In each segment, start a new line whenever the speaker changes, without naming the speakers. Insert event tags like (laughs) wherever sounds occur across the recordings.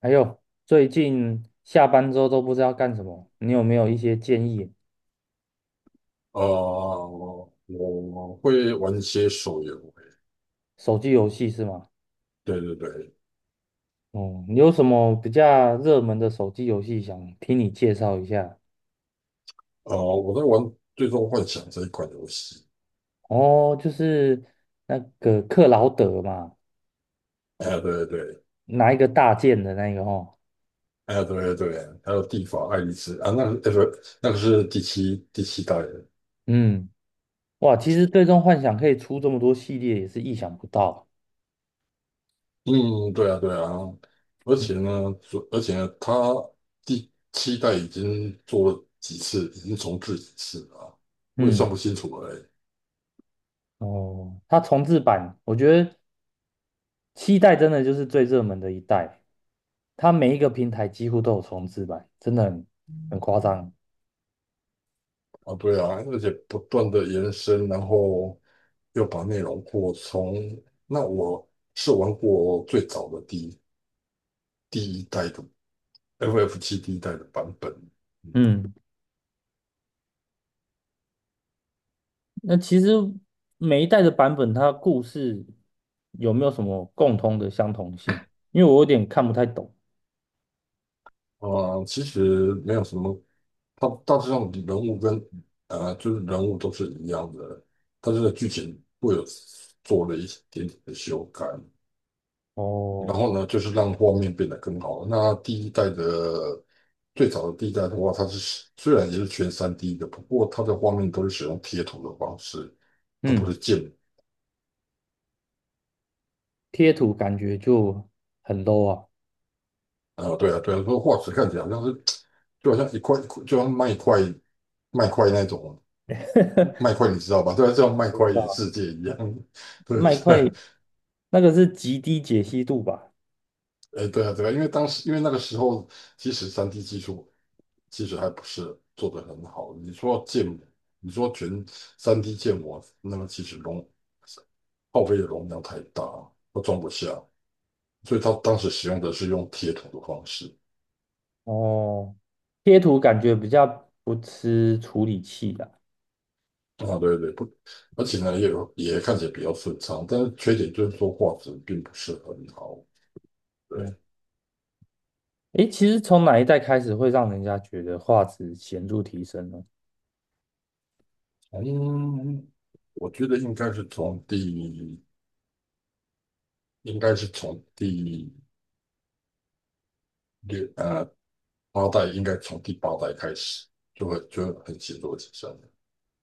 还有最近下班之后都不知道干什么，你有没有一些建议？
呃，我会玩一些手游，
手机游戏是吗？
对对对，
哦，你有什么比较热门的手机游戏想听你介绍一下？
我在玩《最终幻想》这一款游戏，
哦，就是那个克劳德嘛，
哎，对对对。
拿一个大剑的那个哦。
哎，对对对，还有《地法爱丽丝》啊，那个是第七代的。
嗯，哇，其实《最终幻想》可以出这么多系列，也是意想不到。
嗯，对啊对啊，而
嗯
且呢，它第七代已经做了几次，已经重置几次了啊，我也
嗯，
算不清楚了欸。
哦，它重置版，我觉得七代真的就是最热门的一代，它每一个平台几乎都有重置版，真的很夸张。
啊，对啊，而且不断的延伸，然后又把内容扩充。那我是玩过最早的第一代的 FF 七第一代的版本。
嗯，那其实每一代的版本，它故事有没有什么共通的相同性？因为我有点看不太懂。
啊，其实没有什么，它大致上人物跟呃就是人物都是一样的，但是剧情会有做了一点点的修改，然
哦，
后呢就是让画面变得更好。那第一代的最早的第一代的话，它是虽然也是全三 D 的，不过它的画面都是使用贴图的方式，而不
嗯，
是
贴图感觉就很 low 啊，
啊，对啊，对啊，说化石看起来好像是，就好像一块，就像麦块那种麦块，你知道吧？对啊，就像麦
我不
块
知道，
世界一样，(laughs) 对
麦块
对。
那个是极低解析度吧？
哎，对啊，对啊，因为当时，因为那个时候，其实三 D 技术其实还不是做得很好。你说建模，你说全三 D 建模，那么其实耗费的容量太大，都装不下，所以他当时使用的是用铁桶的方式。
哦，贴图感觉比较不吃处理器的啦。
啊，对对，不，而且呢，也看起来比较顺畅，但是缺点就是说画质并不是很好。
哦，
对。
诶，其实从哪一代开始会让人家觉得画质显著提升呢？
从我觉得应该是从第，应该是从第六呃八代，应该从第八代开始就会很显著的提升了。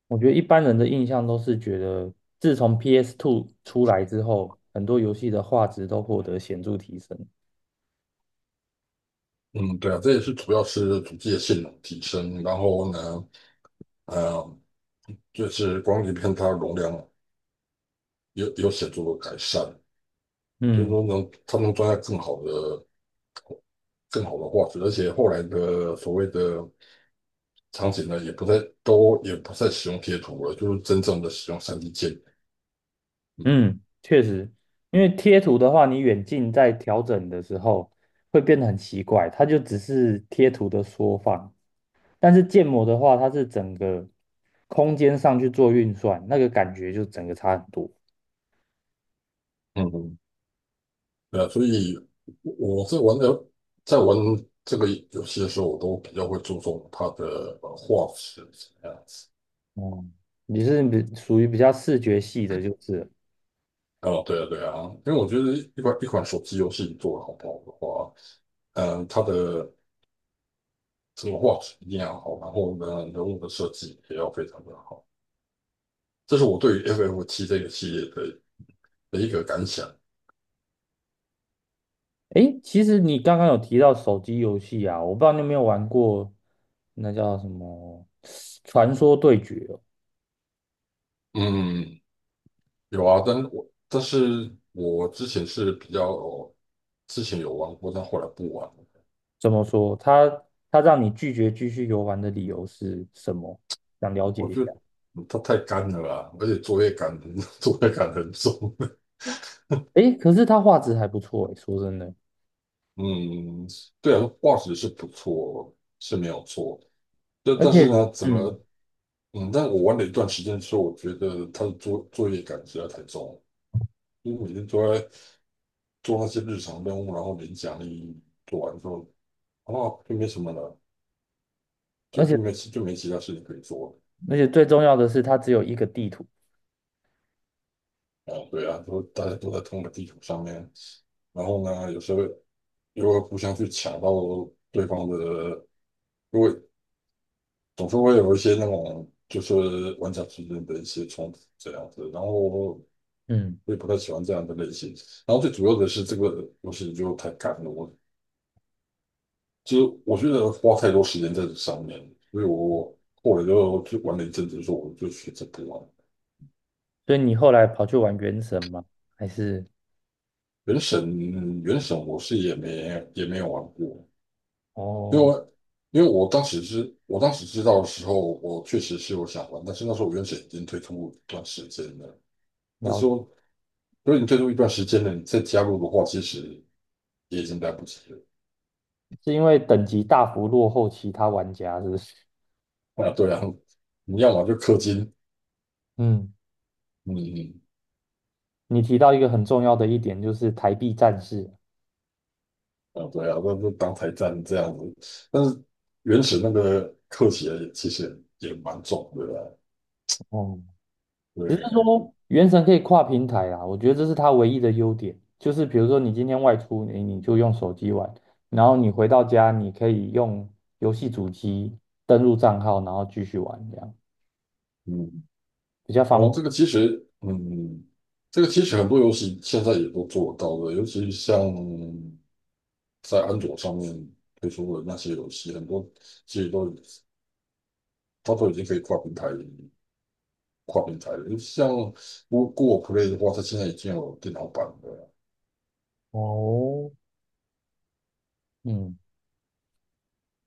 我觉得一般人的印象都是觉得，自从 PS2 出来之后，很多游戏的画质都获得显著提升。
嗯，对啊，这也是主要是主机的性能提升，然后呢，呃，就是光碟片它容量有显著的改善，就是
嗯
说能它能装下更好的画质，而且后来的所谓的场景呢，也不再使用贴图了，就是真正的使用三 D 建模。嗯，
嗯，确实，因为贴图的话，你远近在调整的时候会变得很奇怪，它就只是贴图的缩放。但是建模的话，它是整个空间上去做运算，那个感觉就整个差很多。
嗯嗯，对啊，所以我我在玩的，在玩这个游戏的时候，我都比较会注重它的画质这样子。
哦，你是比属于比较视觉系的，就是了。
哦，对啊，对啊，因为我觉得一款手机游戏做的好不好的话，嗯，它的整个画质一定要好，然后呢，人物的设计也要非常的好。这是我对于 FF7这个系列的一个感想。
诶，其实你刚刚有提到手机游戏啊，我不知道你有没有玩过，那叫什么《传说对决》哦？
嗯，有啊，但是我之前是比较之前有玩过，但后来不玩了。
怎么说？它让你拒绝继续游玩的理由是什么？想了解
我
一
觉
下。
得它太干了啊，而且作业感 (laughs) 作业感很重。
诶，可是它画质还不错诶，说真的，
(laughs) 嗯，对啊，画质是不错，是没有错。但
而
但是
且
呢，
(laughs)
怎
嗯，
么嗯，但我玩了一段时间之后，我觉得他的作业感实在太重了，就是每天都在做那些日常任务，然后领奖励，做完之后，哦，就没什么了，
而且
就没其他事情可以做
而且最重要的是，它只有一个地图。
了。啊，对啊，都大家都在同一个地图上面，然后呢，有时候又会互相去抢到对方的，因为总是会有一些那种就是玩家之间的一些冲突这样子。然后
嗯，
我也不太喜欢这样的类型。然后最主要的是这个游戏就太赶了，其实我觉得花太多时间在这上面，所以我后来就玩了一阵子，说我就选择不玩。
所以你后来跑去玩《原神》吗？还是？
原神，原神我是也没有玩过，因为
哦。
我当时知道的时候，我确实是有想玩，但是那时候原神已经推出一段时间了，那时
了。
候如果你推出一段时间了，你再加入的话，其实也已经来不及了。
是因为等级大幅落后其他玩家，是不是？
啊，对啊，你要么就氪金。
嗯，
嗯。
你提到一个很重要的一点，就是台币战士。
啊，对啊，那就当台战这样子，但是原始那个刻起也其实也蛮重的啊。
哦，只是
对。
说原神可以跨平台啊，我觉得这是它唯一的优点。就是比如说你今天外出，你就用手机玩，然后你回到家，你可以用游戏主机登录账号，然后继续玩，这样
嗯。
比较方
哦，这
便。
个其实，嗯，这个其实很多游戏现在也都做得到的，尤其像在安卓上面推出的那些游戏，很多其实都它都已经可以跨平台了，像不过 Play 的话，它现在已经有电脑版的了，
哦，嗯，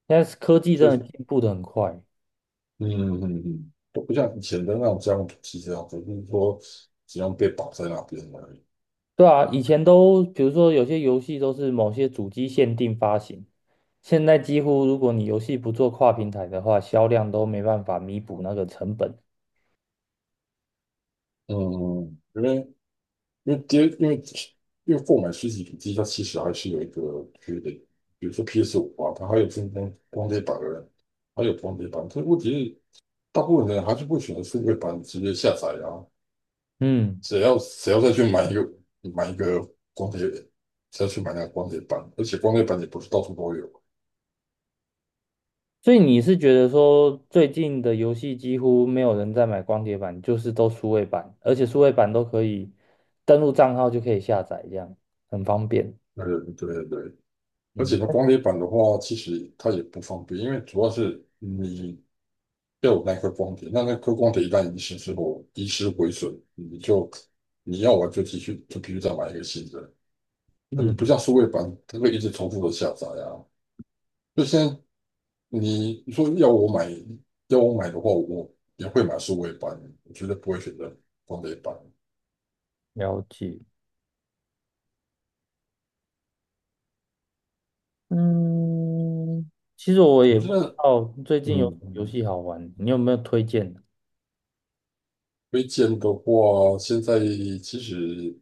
现在科技
就
真的
是。
进步的很快。
嗯嗯嗯，都不像以前的那种江湖气这样子，就是说只要被绑在那边而已。
对啊，以前都比如说有些游戏都是某些主机限定发行，现在几乎如果你游戏不做跨平台的话，销量都没办法弥补那个成本。
嗯，因为因为跌，因为因为购买实体主机，它其实还是有一个缺点，比如说 PS5啊，它还有分光碟版的，还有光碟版。这问题是，大部分人还是会选择数位版直接下载啊。
嗯，
谁要再去买一个光碟，谁要去买那个光碟版？而且光碟版也不是到处都有。
所以你是觉得说最近的游戏几乎没有人在买光碟版，就是都数位版，而且数位版都可以登录账号就可以下载，这样很方便。
对对对，而且
嗯
它光碟版的话，其实它也不方便，因为主要是你要有那颗光碟，那颗光碟一旦遗失之后，遗失毁损，你要玩就继续就必须再买一个新的。那你不
嗯，
像数位版，它会一直重复的下载啊。就现在你说要我买，的话，我也会买数位版，我绝对不会选择光碟版。
了解。嗯，其实我
我
也
觉
不知
得
道最近有
嗯，
游
嗯
戏好玩，你有没有推荐的？
推荐的话，现在其实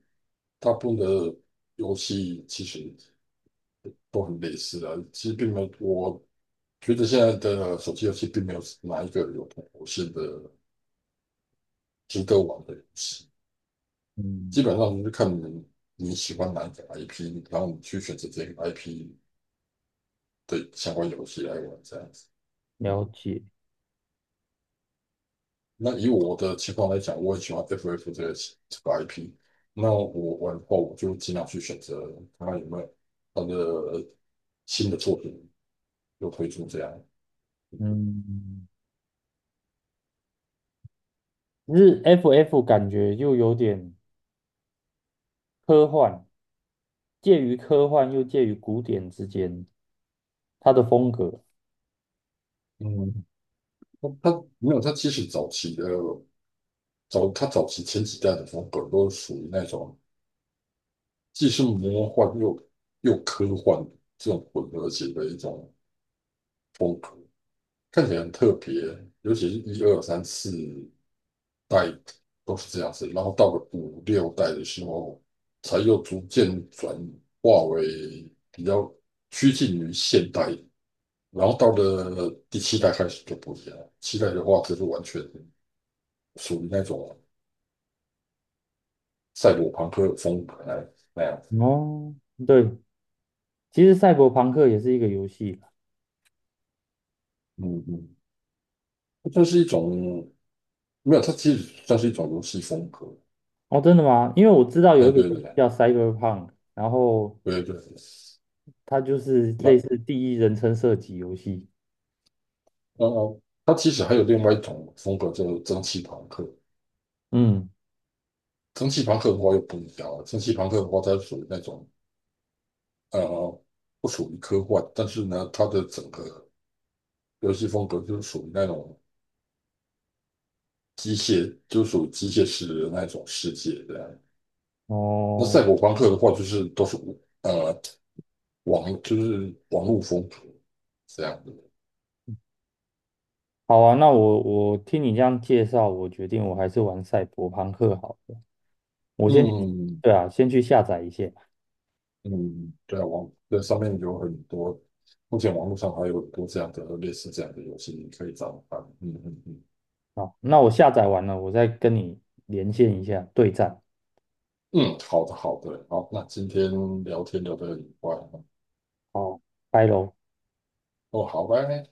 大部分的游戏其实，都很类似啊。其实并没有，我觉得现在的手机游戏并没有哪一个有突破性的值得玩的游戏，基
嗯，
本上就是看你喜欢哪一个 IP,然后你去选择这个 IP 的相关游戏来玩这样子。
了解。
那以我的情况来讲，我很喜欢 FF 这个 IP,那我玩的话，我就尽量去选择看看有没有它的新的作品又推出这样。
嗯，日 FF 感觉又有点科幻，介于科幻又介于古典之间，它的风格。
嗯，它没有，它其实早期的早，它早期前几代的风格都属于那种既是魔幻又科幻这种混合型的一种看起来很特别，尤其是一二三四代都是这样子，然后到了五六代的时候，才又逐渐转化为比较趋近于现代，然后到了第七代开始就不一样了，七代的话就是完全属于那种赛博朋克风格那样子。
哦，对，其实赛博朋克也是一个游戏。
嗯嗯，它算是一种，没有，它其实算是一种游戏风格，
哦，真的吗？因为我知道有
哎，
一个
对
游戏
对
叫 Cyberpunk，然后
对对对，
它就是类似
那。
第一人称射击游戏。
哦哦，它其实还有另外一种风格，就是蒸汽朋克。
嗯，
蒸汽朋克的话又不一样了，蒸汽朋克的话，它属于那种呃，不属于科幻，但是呢，它的整个游戏风格就是属于那种机械，就属于机械式的那种世界这样。那
哦，
赛博朋克的话，就是都是呃就是网络风格这样的。
好啊，那我听你这样介绍，我决定我还是玩赛博朋克好了。我先，
嗯。
对啊，先去下载一下。
嗯，对啊，网对上面有很多，目前网络上还有很多这样的类似这样的游戏，你可以找来玩。嗯嗯嗯
好，那我下载完了，我再跟你连线一下对战。
嗯，好的好的，好，那今天聊天聊得很愉快。
好，拜喽。
哦，好，拜拜。